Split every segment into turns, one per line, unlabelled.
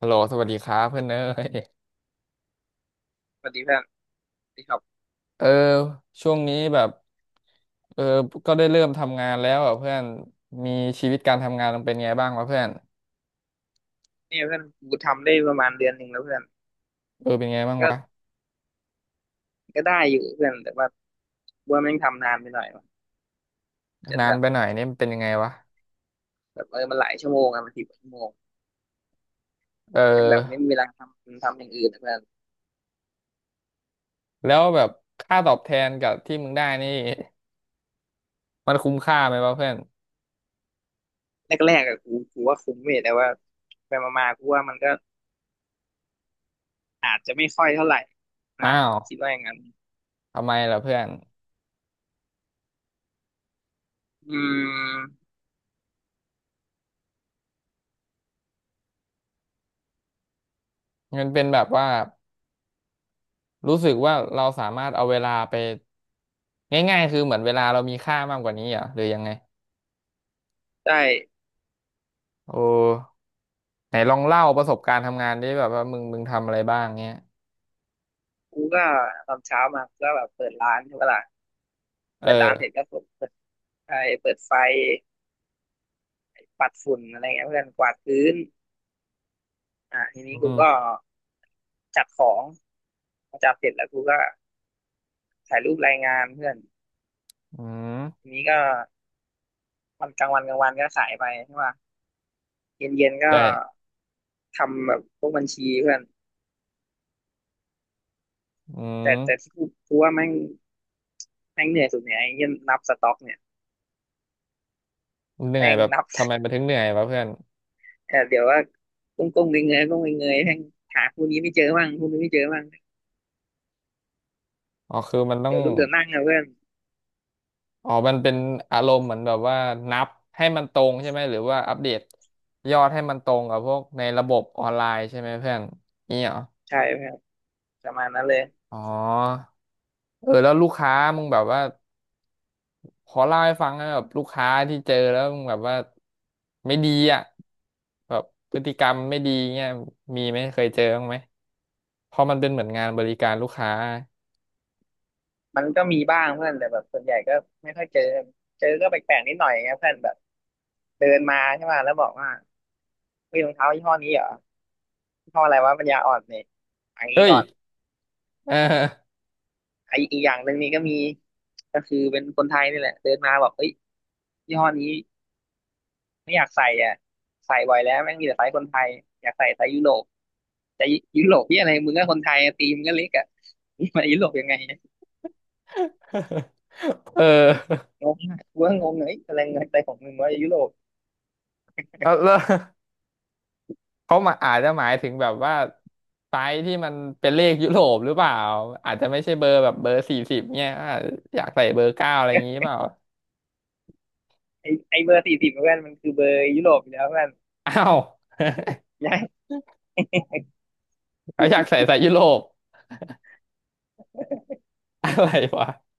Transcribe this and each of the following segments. ฮัลโหลสวัสดีครับเพื่อนเอ้ย
สวัสดีเพื่อนสวัสดีครับ
เออช่วงนี้แบบเออก็ได้เริ่มทำงานแล้วอ่ะเพื่อนมีชีวิตการทำงานมันเป็นไงบ้างวะเพื่อน
เนี่ยเพื่อนกูทำได้ประมาณเดือนหนึ่งแล้วเพื่อน
เออเป็นไง
มัน
บ้าง
ก็
วะ
ก็ได้อยู่เพื่อน แต่ว่าแม่งทำนานไปหน่อยวะจน
นา
แบ
น
บ
ไปหน่อยนี่มันเป็นยังไงวะ
แบบมันหลายชั่วโมงอะมัน10 ชั่วโมง
เ
แม่งแบบไม่
ออ
มีเวลาทำอย่างอื่นอะเพื่อน
แล้วแบบค่าตอบแทนกับที่มึงได้นี่มันคุ้มค่าไหมวะเพื่อน
แรกๆอะกูว่าคุ้มเว้ยแต่ว่า ไปมาๆกูว่ามันก็อาจจะไม่ค่อยเท่าไหร่
อ้า
นะ
ว
คิดว่าอย่างนั้น
ทำไมล่ะเพื่อน
อืม
มันเป็นแบบว่ารู้สึกว่าเราสามารถเอาเวลาไปง่ายๆคือเหมือนเวลาเรามีค่ามากกว่านี้เหรอหรือยังไง
ใช่
โอ้ ไหนลองเล่าประสบการณ์ทำงานดิแบบว่ามึงทำอะไรบ้างเงี้ย
กูก็ตอนเช้ามาก็แบบเปิดร้านใช่ปะล่ะ
เอ
เปิดร้า
อ
นเสร็จก็เปิดไฟเปิดไฟปัดฝุ่นอะไรเงี้ยเพื่อนกวาดพื้นอ่ะที
อื
นี้กูก็
ม
จัดของพอจัดเสร็จแล้วกูก็ถ่ายรูปรายงานเพื่อน
อืม
ทีนี้ก็วันกลางวันกลางวันก็ขายไปใช่ป่ะเย็นเย็นก็
ใช่
ทำแบบพวกบัญชีเพื่อน
อื
แต่
ม
แต่ที่กูว่าแม่งแม่งเหนื่อยสุดเนี่ยไอ้เหี้ยนับสต็อกเนี่ย
เหนื่อย
แม่ง
แบบ
นับ
ทำไมมันถึงเหนื่อยวะเพื่อน
เออเดี๋ยวว่าก้มก้มเงยเงยๆก้มเงยเงยๆแม่งหาคู่นี้ไม่เจอบ้างคู่นี้ไม่เจอบ้าง
อ๋อคือมันต้อง
เดี๋ยวลุกเดี๋ยวนั่งนะเพื่อน
อ๋อมันเป็นอารมณ์เหมือนแบบว่านับให้มันตรงใช่ไหมหรือว่าอัปเดตยอดให้มันตรงกับพวกในระบบออนไลน์ใช่ไหมเพื่อนนี่เหรอ
ใช่เพื่อนประมาณนั้นเลย
อ๋อเออแล้วลูกค้ามึงแบบว่า ขอเล่าให้ฟังนะแบบลูกค้าที่เจอแล้วมึงแบบว่าไม่ดีอ่ะแบบพฤติกรรมไม่ดีเงี้ยมีไหมเคยเจอบ้างไหมเพราะมันเป็นเหมือนงานบริการลูกค้า
มันก็มีบ้างเพื่อนแต่แบบส่วนใหญ่ก็ไม่ค่อยเจอเจอก็แปลกๆนิดหน่อยไงเพื่อนแบบเดินมาใช่ป่ะแล้วบอกว่ามีรองเท้ายี่ห้อนี้เหรอ ข้ออะไรวะปัญญาอ่อนเนี่ยอันนี้
เอ้ย
ก่อน
เออ
อีกอย่างหนึ่งนี่ก็มีก็คือเป็นคนไทยนี่แหละเดินมาบอกเอ้ยยี่ห้อนี้ไม่อยากใส่อ่ะใส่บ่อยแล้วแม่งมีแต่ไซส์คนไทยอยากใส่ไซส์ยุโรปแต่ยุโรปที่อะไรมึงก็คนไทยตีมงก็เล็กอ่ะนี่มายุโรปยังไงเนี่ย
เออ
งงอะกูก็งงเลยอะไรเงินใจของมึงว่ายุโรป
แล้วเขามาอาจจะหมายถึงแบบว่าไซส์ที่มันเป็นเลขยุโรปหรือเปล่าอาจจะไม่ใช่เบอร์แบบเบอร์สี่สิบเนี่ยอาจอยากใส่เบอร์เก้าอะไรอย่างงี้เปล่า
ไอไอเบอร์40เพื่อนมันคือเบอร์ยุโรปอยู่แล้วเพื่อน
อ้าว
ย้าย
เขาอยากใส่ไซส์ยุโรปอะไรวะ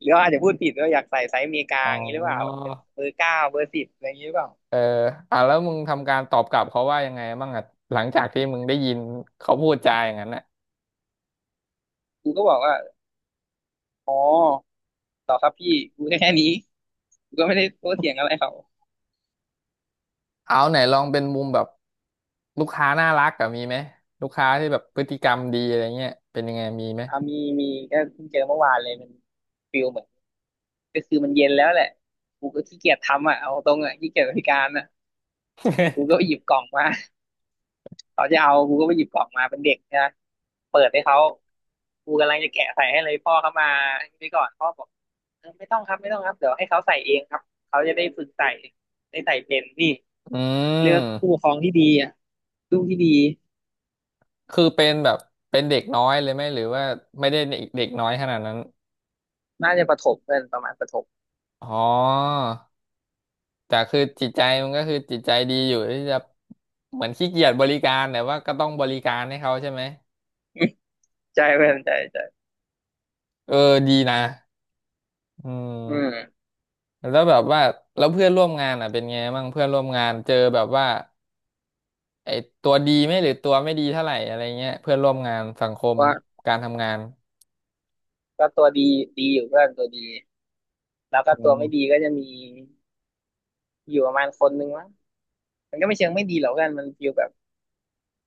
หรือว่าอาจจะพูดผิดว่าอยากใส่ไซส์อเมริกา
อ๋อ
อย่างนี้หรือเปล่าแบบเป็นเบอร์เก้าเบอร์สิบอะไรอย่างนี้หรือเปล่า
เอออ่ะแล้วมึงทำการตอบกลับเขาว่ายังไงบ้างอ่ะหลังจากที่มึงได้ยินเขาพูดจาอย่างนั้นน่ะ
กูก็บอกว่าอ๋อต่อครับพี่กูแค่นี้ ก็ไม่ได้โต้เถียงอะไรเขา
เอาไหนลองเป็นมุมแบบลูกค้าน่ารักกับมีไหมลูกค้าที่แบบพฤติกรรมดีอะไรเงี้ยเป็นยังไงมีไหม
อ่ามีมีก็เพิ่งเจอเมื่อวานเลยมันฟิลเหมือนก็คือมันเย็นแล้วแหละกูก็ขี้เกียจทำอ่ะเอาตรงอ่ะขี้เกียจบริการอ่ะกูก็ไปหยิบกล่องมาเขาจะเอากูก็ไปหยิบกล่องมาเป็นเด็กนะเปิดให้เขากูกำลังจะแกะใส่ให้เลยพ่อเขามาไปก่อนพ่อบอกเออไม่ต้องครับไม่ต้องครับเดี๋ยวให้เขาใส่เองครับเขาจะได้ฝึกใส่ได้ใส่เป็นนี่
อื
เลือกผู้ปก
ม
ครองที่ดีอ่ะลูกที่ดี
คือเป็นแบบเป็นเด็กน้อยเลยไหมหรือว่าไม่ได้เด็กเด็กน้อยขนาดนั้น
น่าจะประถมเพื่อนประมาณประถม
อ๋อแต่คือจิตใจมันก็คือจิตใจดีอยู่ที่จะเหมือนขี้เกียจบริการแต่ว่าก็ต้องบริการให้เขาใช่ไหม
ใจเพื่อนใจใจ
เออดีนะอื
อื
ม
ม
แล้วแบบว่าแล้วเพื่อนร่วมงานอ่ะเป็นไงบ้างเพื่อนร่วมงานเจอแบบว่าไอ้ตัวดีไหมหรือตัวไม่ดีเท่าไหร่อะไรเงี้ยเพื่อนร่วมงานสังคม
ว่า
การทำงาน
ก็ตัวดีดีอยู่เพื่อนตัวดีแล้วก็
อื
ตัวไม่ดี
ม
ก็จะมีอยู่ประมาณคนนึงมั้งมันก็ไม่เชิงไม่ดีหรอกกันมันฟีลแบบ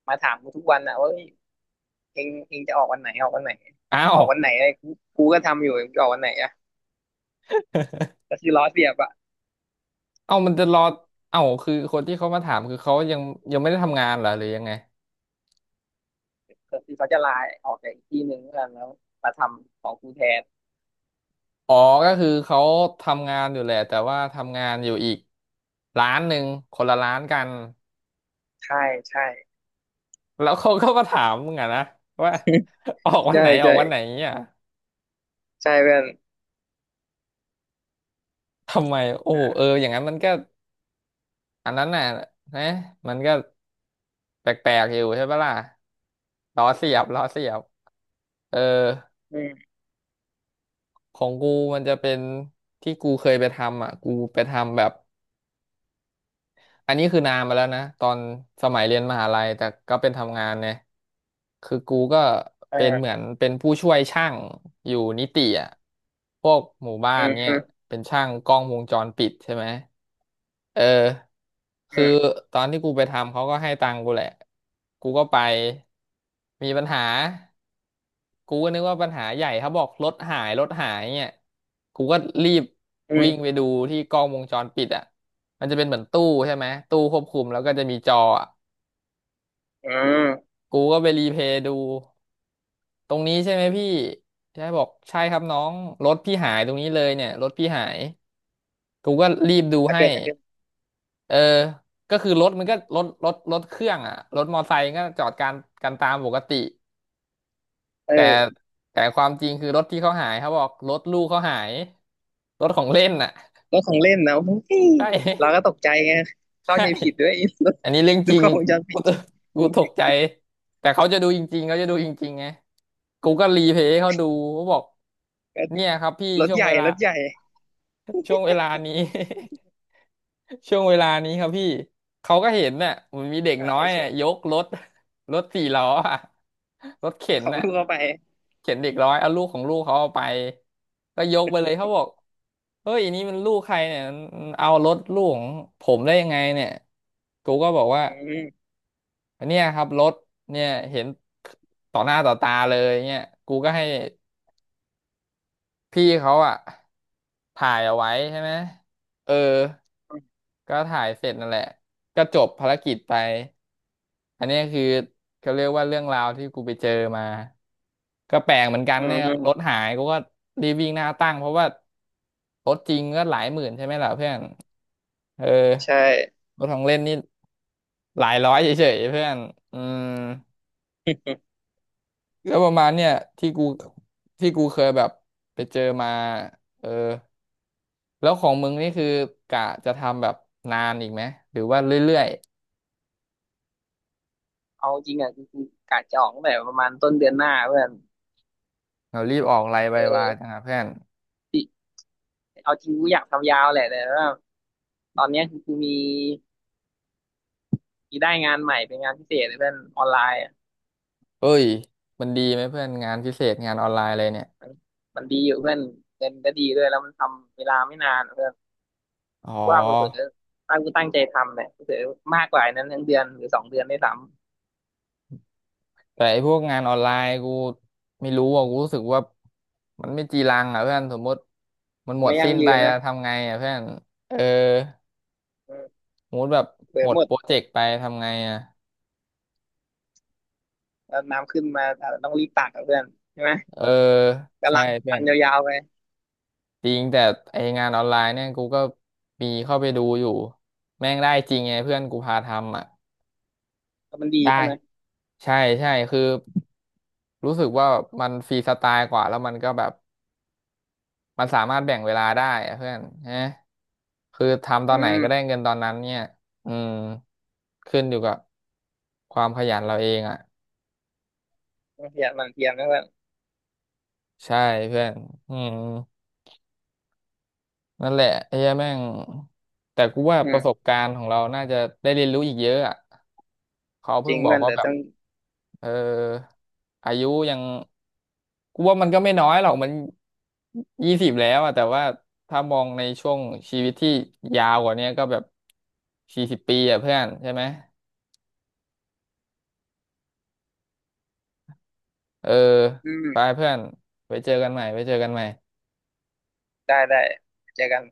มาถามกูทุกวันอะว่าเอ้ยเองจะออกวันไหนออกวันไหน
อ้า
อ
ว
อกวันไหนอะไรกูกูก็ทำอยู่งจะออกวันไหนอะก็คือล้อเสียบอะ
เอ้ามันจะรอเอ้าคือคนที่เขามาถามคือเขายังไม่ได้ทำงานเหรอหรือยังไง
ก็คือเขาจะลาออกจากอีกที่หนึ่งเพื่อนแล้วมาทำของกูแทน
อ๋อก็คือเขาทำงานอยู่แหละแต่ว่าทำงานอยู่อีกร้านหนึ่งคนละร้านกัน
ใช่ใช่
แล้วเขาก็มาถามมึงอะนะว่า ออกวัน
ใช่
ไหนออก
ใช่
วันไหนเนี่ย
ใช่เพื่อน
ทำไมโอ้เออ
อ่า
อย่างนั้นมันก็ อันนั้นน่ะนะมันก็แปลกๆอยู่ใช่ปะล่ะล้อเสียบล้อเสียบเออ
อืม
ของกูมันจะเป็นที่กูเคยไปทำอ่ะกูไปทำแบบ อันนี้คือนานมาแล้วนะตอนสมัยเรียนมหาลัยแต่ก็เป็นทำงานเนี่ยคือกูก็
เอ
เป็นเหมือ
อ
นเป็นผู้ช่วยช่างอยู่นิติอ่ะพวกหมู่บ้า
อื
น
ม
เนี่
อื
ย
ม
เป็นช่างกล้องวงจรปิดใช่ไหมเออ
อื
คือ
ม
ตอนที่กูไปทำเขาก็ให้ตังค์กูแหละกูก็ไปมีปัญหา กูก็นึกว่าปัญหาใหญ่เขาบอกรถหายเนี่ยกูก็รีบ
อื
วิ่งไป
ม
ดูที่กล้องวงจรปิดอ่ะมันจะเป็นเหมือนตู้ใช่ไหมตู้ควบคุมแล้วก็จะมีจออ่ะ
อืม
กูก็ไปรีเพลย์ดูตรงนี้ใช่ไหมพี่ใช่บอกใช่ครับน้องรถพี่หายตรงนี้เลยเนี่ยรถพี่หายกูก็รีบดู
แล้ว
ให้
เกิดอะไรขึ้น
เออก็คือรถมันก็รถเครื่องอ่ะรถมอไซค์ก็จอดการกันตามปกติ แต่
เออ
แต่ความจริงคือรถที่เขาหายเขาบอกรถลูกเขาหายรถของเล่นน่ะ
รถของเล่นนะ โอ้ย
ใช่
เราก็ตก ใจไงเข้า
ใช่
ใจผิดด้วย ไอรถ
อันนี้เรื่อง
ดู
จริ
ก
ง
ล้องวงจรปิ
กู
ด
ต
ใช่ไหม
กูตกใจแต่เขาจะดูจริงๆเขาจะดูจริงๆไงกูก็รีเพลย์ให้เขาดูเขาบอก
ก็
เนี่ยครับพี่
รถ
ช่วง
ใหญ่
เวลา
รถใหญ่
ช่วงเวลานี้ ช่วงเวลานี้ครับพี่เขาก็เห็นน่ะมันมีเด็ก
หา
น้อย
เฉ
น่ะ
ย
ยกรถรถสี่ล้ออะรถเข็
ข
น
อง
น่ะ
ลูกเข้าไป
เข็นเด็กร้อยเอาลูกของลูกเขาเอาไปก็ยกไปเลยเขาบอกเฮ้ยอันนี้มันลูกใครเนี่ยมันเอารถลูกของผมได้ยังไงเนี่ยกูก็บอกว่า
อืม
เนี่ยครับรถเนี่ยเห็นต่อหน้าต่อตาเลยเนี่ยกูก็ให้ พี่เขาอะถ่ายเอาไว้ใช่ไหมเออก็ถ่ายเสร็จนั่นแหละก็จบภารกิจไปอันเนี้ยคือเขาเรียกว่าเรื่องราวที่กูไปเจอมาก็แปลกเหมือนกัน
อื
เนี่ยรถ
ม
หายกูก็รีบวิ่งหน้าตั้งเพราะว่ารถจริงก็หลายหมื่นใช่ไหมล่ะเพื่อนเออ
ใช่
รถของเล่นนี่หลายร้อยเฉยๆเพื่อนอืม แล้วประมาณเนี่ยที่กูที่กูเคยแบบไปเจอมาเออแล้วของมึงนี่คือกะจะทำแบบนานอีกไหมหรือว่าเรื่อย
เอาจริงอ่ะจริงๆกะจะออกตั้งแต่ประมาณต้นเดือนหน้าเพื่อน
ๆเรารีบออกไลน์ไป
เอ
ว่า
อ
จังหะเพื่อน
ที่เอาจริงกูอยากทำยาวแหละแต่ว่าตอนเนี้ยคือกูมีได้งานใหม่เป็นงานพิเศษเลยเพื่อนออนไลน์อะ
เอ้ยมันดีไหมเพื่อนงานพิเศษงานออนไลน์อะไรเนี่ย
มันมันดีอยู่เพื่อนเงินก็ดีด้วยแล้วมันทำเวลาไม่นานเพื่อน
อ๋อ
กูว่าเผื่อตั้งกูตั้งใจทำเนี่ยเผื่อมากกว่านั้นทั้งเดือนหรือสองเดือนได้สำ
แต่ไอ้พวกงานออนไลน์กูไม่รู้อ่ะกูรู้สึกว่ามันไม่จีรังอ่ะเพื่อนสมมติมันหมด
ไม่ยั่
สิ้
ง
นไป
ยืน
แล้
นะ
วทำไงอ่ะเพื่อนเออ
อืม
สมมติแบบ
เผื่
ห
อ
ม
ห
ด
มด
โปรเจกต์ไปทำไงอ่ะ
แล้วน้ำขึ้นมาอาจจะต้องรีบตักกับเพื่อนใช่ไหม
เออ
กำ
ใช่
ลัง
เพื่อ
ปั
น
นยาวๆไป
จริงแต่ไองานออนไลน์เนี่ยกูก็มีเข้าไปดูอยู่แม่งได้จริงไงเพื่อนกูพาทำอ่ะ
ก็มันดี
ได้
ใช่ไหม
ใช่ใช่คือรู้สึกว่ามันฟรีสไตล์กว่าแล้วมันก็แบบมันสามารถแบ่งเวลาได้อะเพื่อนฮะคือทำตอน
อื
ไหน
ม
ก็ได้เงินตอนนั้นเนี่ยอืมขึ้นอยู่กับความขยันเราเองอ่ะ
ต้องเพียรมันเพียรนะเพื่อน
ใช่เพื่อนอืม นั่นแหละไอ้เหี้ยแม่งแต่กูว่า
อื
ประส
ม
บการณ์ของเราน่าจะได้เรียนรู้อีกเยอะอ่ะเขา
จ
เพิ่
ริ
ง
ง
บอ
เพื่
ก
อน
ว่า
เดี๋ยว
แบบ
ต้อง
เอออายุยังกูว่ามันก็ไม่น้อยหรอกมัน20แล้วอ่ะแต่ว่าถ้ามองในช่วงชีวิตที่ยาวกว่าเนี้ยก็แบบ40 ปีอ่ะเพื่อนใช่ไหมเออ
อื
ไป
ม
เพื่อนไปเจอกันใหม่ไปเจอกันใหม่
ได้ได้เจอกัน